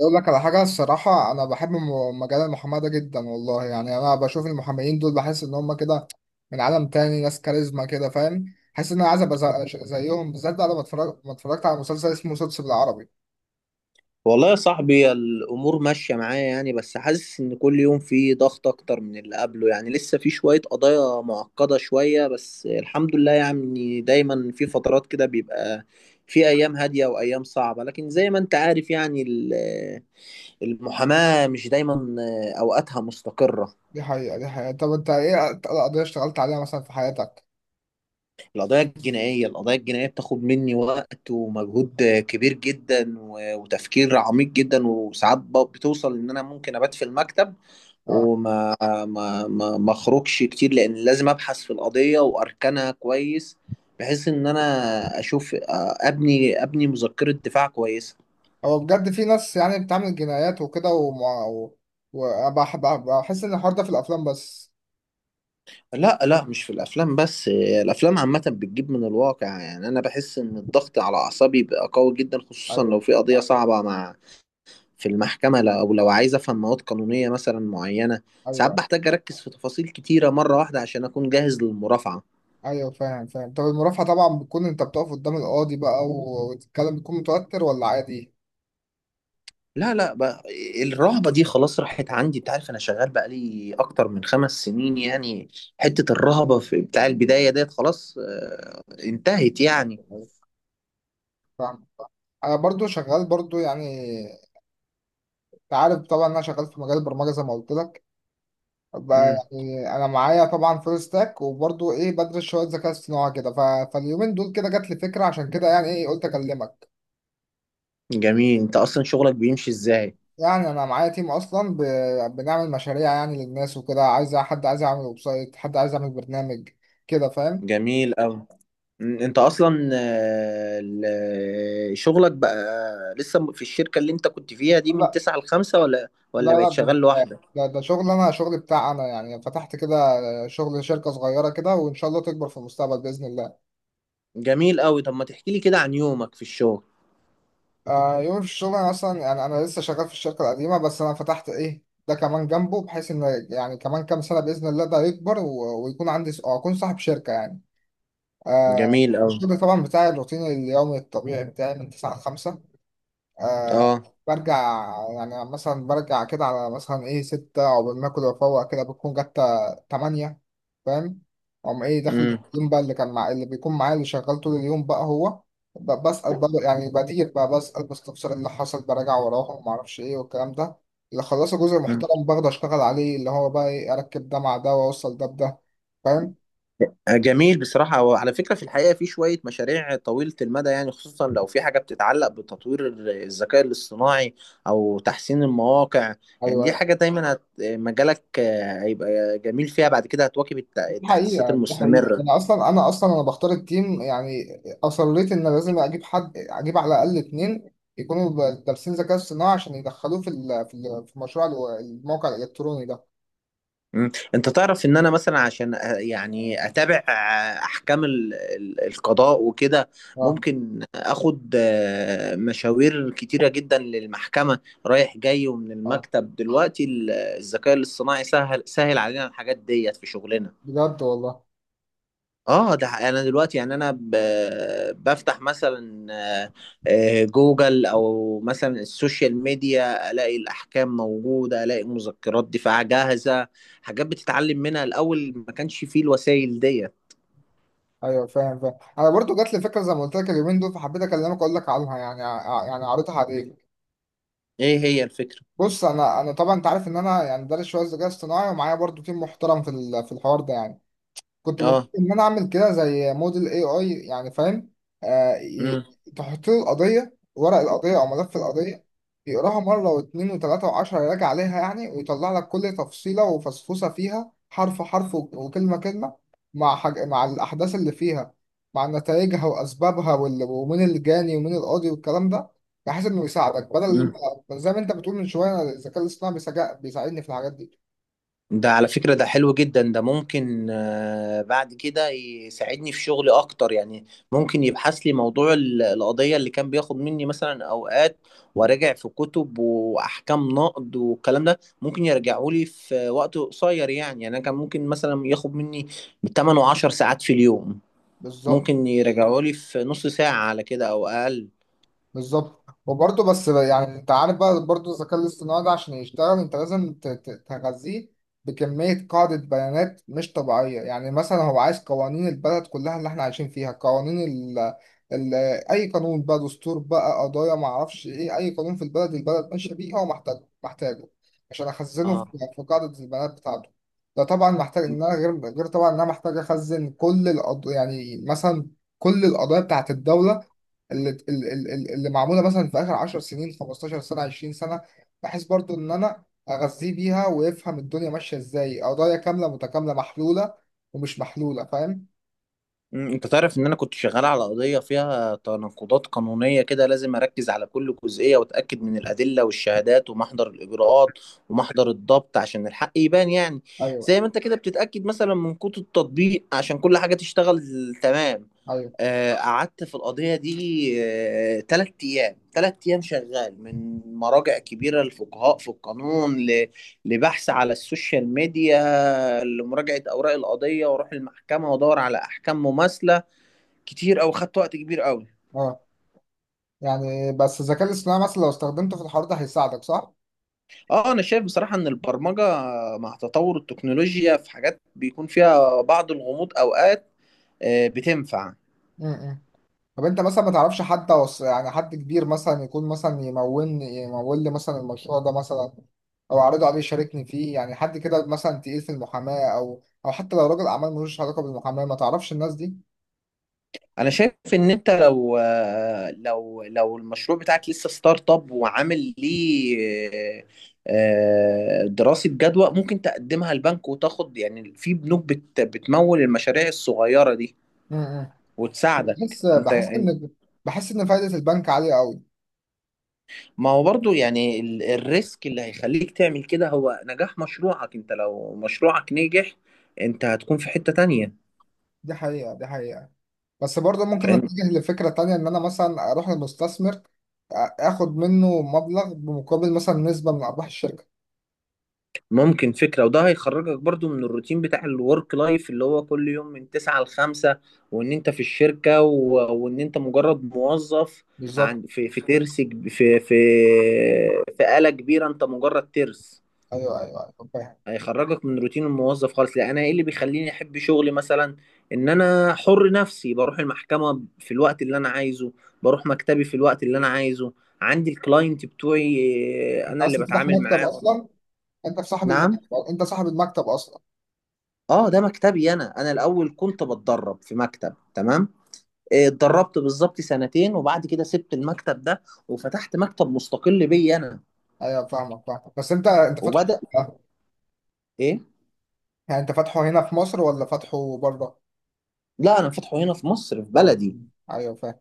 اقول لك على حاجه. الصراحه انا بحب مجال المحاماه ده جدا والله. يعني انا بشوف المحاميين دول بحس ان هم كده من عالم تاني، ناس كاريزما كده، فاهم. حاسس ان انا عايز ابقى زيهم بالذات بقى، لما اتفرج، ما اتفرجت على مسلسل اسمه سوتس بالعربي. والله يا صاحبي الامور ماشيه معايا يعني بس حاسس ان كل يوم في ضغط اكتر من اللي قبله يعني لسه في شويه قضايا معقده شويه بس الحمد لله يعني دايما في فترات كده بيبقى في ايام هاديه وايام صعبه لكن زي ما انت عارف يعني المحاماه مش دايما اوقاتها مستقره. دي حقيقه. طب انت ايه أكتر قضيه اشتغلت عليها مثلا في حياتك؟ القضايا الجنائيه، القضايا الجنائيه بتاخد مني وقت ومجهود كبير جدا وتفكير عميق جدا، وساعات بتوصل ان انا ممكن ابات في المكتب اه، وما ما ما ما اخرجش كتير لان لازم ابحث في القضيه واركنها كويس بحيث ان انا اشوف ابني مذكره دفاع كويسه. هو بجد في ناس يعني بتعمل جنايات وكده، وبحب بحس ان الحوار ده في الافلام بس. لا لا، مش في الافلام بس، الافلام عامه بتجيب من الواقع يعني. انا بحس ان الضغط على اعصابي بقى قوي جدا خصوصا ايوه لو في قضيه صعبه مع في المحكمه، او لو عايز افهم مواد قانونيه مثلا معينه. ساعات ايوه بحتاج اركز في تفاصيل كتيره مره واحده عشان اكون جاهز للمرافعه. ايوه، فاهم فاهم. طب المرافعه طبعا بتكون انت بتقف قدام القاضي بقى، والكلام بيكون متوتر ولا عادي؟ لا لا بقى، الرهبة دي خلاص راحت عندي. انت عارف انا شغال بقالي اكتر من 5 سنين يعني، حتة الرهبة في بتاع البداية ديت خلاص انتهت يعني. أيوة، فاهم. انا برضو شغال برضو يعني، انت عارف طبعا انا شغال في مجال البرمجه زي ما قلت لك بقى. مم. يعني انا معايا طبعا فول ستاك، وبرضو ايه، بدرس شويه ذكاء اصطناعي كده فاليومين دول كده جات لي فكره، عشان كده يعني ايه قلت اكلمك. جميل، انت اصلا شغلك بيمشي ازاي؟ يعني انا معايا تيم اصلا بنعمل مشاريع يعني للناس وكده، عايز حد، عايز يعمل ويب سايت، حد عايز يعمل برنامج كده، فاهم. جميل اوي. مم، انت اصلا، شغلك بقى لسه في الشركة اللي انت كنت فيها دي من 9 ل5، ولا لا ولا لا، بقيت ده شغال ده لوحدك؟ ده ده شغل انا، شغل بتاع انا يعني، فتحت كده آه، شغل شركه صغيره كده، وان شاء الله تكبر في المستقبل باذن الله. جميل اوي، طب ما تحكي لي كده عن يومك في الشغل. آه، يوم في الشغل. انا اصلا يعني انا لسه شغال في الشركه القديمه، بس انا فتحت ايه ده كمان جنبه، بحيث ان يعني كمان كام سنه باذن الله ده يكبر ويكون عندي او اكون صاحب شركه يعني. آه، جميل اوي. الشغل طبعا بتاعي، الروتين اليومي الطبيعي بتاعي من 9 ل 5. آه، اه. برجع يعني مثلا برجع كده على مثلا ايه ستة، عقبال ما اكل وافوق كده بتكون جت تمانية، فاهم. أقوم ايه داخل مم. اليوم بقى اللي كان مع اللي بيكون معايا، اللي شغال طول اليوم بقى، هو بسأل بقى، يعني بدير بقى بسأل بستفسر إيه اللي حصل، براجع وراهم، ومعرفش ايه والكلام ده. اللي خلص جزء محترم باخده اشتغل عليه، اللي هو بقى ايه، اركب ده مع ده واوصل ده بده، فاهم. جميل بصراحة. هو على فكرة في الحقيقة في شوية مشاريع طويلة المدى يعني، خصوصا لو في حاجة بتتعلق بتطوير الذكاء الاصطناعي أو تحسين المواقع. يعني دي ايوه، حاجة دايما مجالك هيبقى جميل فيها، بعد كده هتواكب دي التحديثات حقيقة دي حقيقة أنا المستمرة. أصلا أنا أصلا أنا بختار التيم يعني، أصريت إن لازم أجيب حد، أجيب على الأقل اتنين يكونوا دارسين ذكاء اصطناعي عشان يدخلوه في مشروع الموقع الإلكتروني ده. مم. انت تعرف ان انا مثلا عشان يعني اتابع احكام القضاء وكده، أه. ممكن اخد مشاوير كتيرة جدا للمحكمة رايح جاي ومن أه، المكتب. دلوقتي الذكاء الاصطناعي سهل، سهل علينا الحاجات ديت في شغلنا. بجد والله. اه ده حقيقي. انا دلوقتي يعني بفتح مثلا آه، جوجل او مثلا السوشيال ميديا، الاقي الاحكام موجوده، الاقي مذكرات دفاع جاهزه، حاجات بتتعلم منها. الاول ما كانش فيه الوسائل دي. أيوه، فاهم فاهم. أنا برضو جات لي فكرة زي ما قلت لك اليومين دول، فحبيت أكلمك أقول لك عنها يعني، يعني عرضها عليك. ايه هي الفكره؟ بص، أنا طبعا أنت عارف إن أنا يعني دارس شوية ذكاء اصطناعي، ومعايا برضو تيم محترم في الحوار ده يعني. كنت بفكر اه. ان انا اعمل كده زي موديل اي اي، يعني فاهم. آه ي- امم تحط له القضيه، ورق القضيه او ملف القضيه، يقراها مره واثنين وثلاثه وعشره، يراجع عليها يعني، ويطلع لك كل تفصيله وفصفصه فيها، حرف حرف وكلمه كلمه، مع الاحداث اللي فيها، مع نتائجها واسبابها ومين الجاني ومين القاضي والكلام ده، بحيث انه يساعدك بدل، إمم. زي ما انت بتقول من شويه، الذكاء الاصطناعي بيساعدني في الحاجات دي. ده على فكرة ده حلو جدا، ده ممكن بعد كده يساعدني في شغلي أكتر يعني. ممكن يبحث لي موضوع القضية اللي كان بياخد مني مثلا أوقات، وراجع في كتب وأحكام نقض والكلام ده ممكن يرجعوا لي في وقت قصير يعني. يعني أنا كان ممكن مثلا ياخد مني 8 و10 ساعات في اليوم، بالظبط ممكن يرجعوا لي في نص ساعة على كده أو أقل. بالظبط. وبرضه بس يعني، انت عارف بقى، برضه الذكاء الاصطناعي ده عشان يشتغل انت لازم تغذيه بكمية قاعدة بيانات مش طبيعية. يعني مثلا هو عايز قوانين البلد كلها اللي احنا عايشين فيها، قوانين ال ال اي قانون بقى، دستور بقى، قضايا ما اعرفش ايه، اي قانون في البلد، البلد ماشية بيه هو محتاج محتاجه عشان اخزنه اه. في قاعدة البيانات بتاعته. ده طبعا محتاج ان انا غير طبعا، ان انا محتاج اخزن كل القض يعني، مثلا كل القضايا بتاعت الدولة اللي ال- ال- ال- اللي معموله مثلا في اخر 10 سنين، 15 سنه، 20 سنه، بحيث برضو ان انا اغذيه بيها ويفهم الدنيا ماشيه ازاي، قضايا كامله متكامله محلوله ومش محلوله، فاهم. مم، انت تعرف ان انا كنت شغال على قضية فيها تناقضات قانونية كده، لازم اركز على كل جزئية واتأكد من الادلة والشهادات ومحضر الاجراءات ومحضر الضبط عشان الحق يبان يعني. ايوه زي ما انت كده بتتأكد مثلا من كود التطبيق عشان كل حاجة تشتغل تمام. ايوه. قعدت في القضية دي 3 أيام، 3 أيام شغال من مراجع كبيرة للفقهاء في القانون، لبحث على السوشيال ميديا، لمراجعة أوراق القضية، وأروح المحكمة وأدور على أحكام مماثلة كتير. او خدت وقت كبير قوي. اه يعني، بس الذكاء الاصطناعي مثلا لو استخدمته في الحوار ده هيساعدك صح؟ اه انا شايف بصراحه ان البرمجه مع تطور التكنولوجيا في حاجات بيكون فيها بعض الغموض اوقات، بتنفع. م- م. طب انت مثلا ما تعرفش حد يعني حد كبير مثلا يكون مثلا يمول لي مثلا المشروع ده مثلا، او اعرضه عليه يشاركني فيه، يعني حد كده مثلا تقيل في المحاماة، او حتى لو راجل اعمال ملوش علاقة بالمحاماة، ما تعرفش الناس دي. انا شايف ان انت لو لو المشروع بتاعك لسه ستارت اب وعامل ليه آه، دراسه جدوى، ممكن تقدمها البنك وتاخد. يعني في بنوك بتمول المشاريع الصغيره دي امم. بس وتساعدك انت. بحس ان، بحس ان فايدة البنك عالية قوي. ما هو برضو يعني الريسك اللي هيخليك تعمل كده هو نجاح مشروعك. انت لو مشروعك نجح انت هتكون في حتة تانية. دي حقيقة. بس برضه ممكن فاهم. اتجه لفكرة تانية، ان انا مثلا اروح لمستثمر اخد منه مبلغ بمقابل مثلا نسبة من ارباح الشركة. ممكن فكرة، وده هيخرجك برضو من الروتين بتاع الورك لايف اللي هو كل يوم من 9 ل5، وان انت في الشركة و... وان انت مجرد موظف. بالظبط. عن... في في في آلة كبيرة انت مجرد ترس. ايوه، فاهم. هيخرجك من روتين الموظف خالص. لا انا ايه اللي بيخليني احب شغلي مثلا؟ ان انا حر نفسي، بروح المحكمه في الوقت اللي انا عايزه، بروح مكتبي في الوقت اللي انا عايزه، عندي الكلاينت بتوعي أنت انا اللي اصلا فتح بتعامل مكتب معاهم. اصلا، نعم. انت صاحب المكتب اصلا. اه ده مكتبي انا. انا الاول كنت بتدرب في مكتب تمام، اتدربت بالظبط سنتين، وبعد كده سبت المكتب ده وفتحت مكتب مستقل بي انا ايوه، فاهمك فاهمك. بس انت فاتحه وبدأ. فين؟ ايه؟ يعني انت فاتحه هنا في مصر ولا فاتحه بره؟ لا انا فاتحه هنا في مصر في اه، بلدي. ايوه فاهم.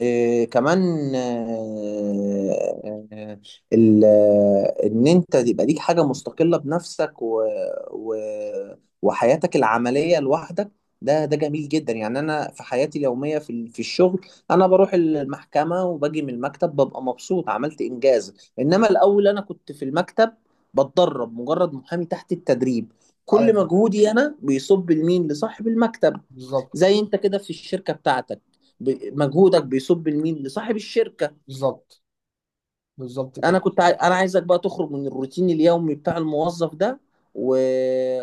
إيه كمان؟ آه، آه، ان انت يبقى ليك حاجه مستقله بنفسك و... وحياتك العمليه لوحدك، ده جميل جدا يعني. انا في حياتي اليوميه في الشغل، انا بروح المحكمه وباجي من المكتب ببقى مبسوط، عملت انجاز. انما الاول انا كنت في المكتب بتدرب، مجرد محامي تحت التدريب، كل ايوه، مجهودي انا بيصب لمين؟ لصاحب المكتب. بالظبط. زي انت كده في الشركه بتاعتك، مجهودك بيصب لمين؟ لصاحب الشركه. بالظبط بالظبط كده. انا عايزك بقى تخرج من الروتين اليومي بتاع الموظف ده و...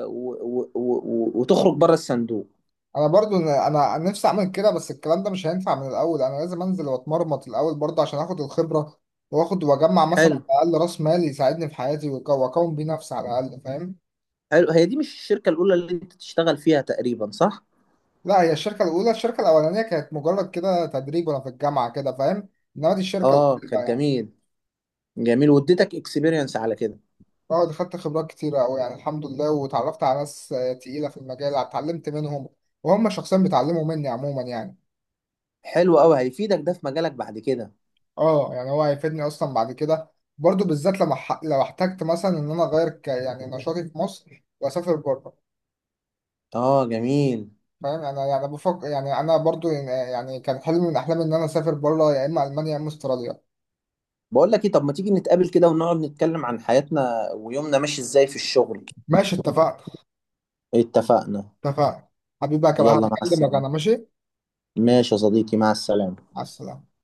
وتخرج بره الصندوق. انا برضو انا انا نفسي اعمل كده، بس الكلام ده مش هينفع من الاول، انا لازم انزل واتمرمط الاول برضه عشان اخد الخبره، واخد واجمع مثلا حلو. على الاقل راس مال يساعدني في حياتي واكون بيه نفسي على الاقل، فاهم. حلو، هي دي مش الشركه الاولى اللي انت تشتغل فيها تقريبا، صح؟ لا، هي الشركه الاولى. الشركه الاولانيه كانت مجرد كده تدريب وانا في الجامعه كده، فاهم. انما دي الشركه اه الاولى كانت يعني. جميل، جميل، واديتك اكسبيرينس على كده. اه، دي خدت خبرات كتيرة أوي يعني الحمد لله، واتعرفت على ناس آه، تقيلة في المجال، اتعلمت منهم وهم شخصيا بيتعلموا مني عموما يعني. حلو قوي، هيفيدك ده في مجالك بعد كده. اه، يعني هو هيفيدني أصلا بعد كده، برضو بالذات لما لو احتجت مثلا إن أنا أغير يعني نشاطي في مصر وأسافر بره. اه جميل. فاهم يعني، أنا يعني بفكر يعني، أنا برضو يعني كان حلم من أحلامي إن أنا أسافر بره، يا إما ألمانيا يا إما أستراليا. بقول لك ايه، طب ما تيجي نتقابل كده ونقعد نتكلم عن حياتنا ويومنا ماشي ازاي في الشغل. ماشي، اتفقنا. اتفقنا. اتفقنا، حبيبي بقى. يلا مع هكلمك السلامة. أنا، ماشي. ماشي يا صديقي، مع السلامة. على السلامة.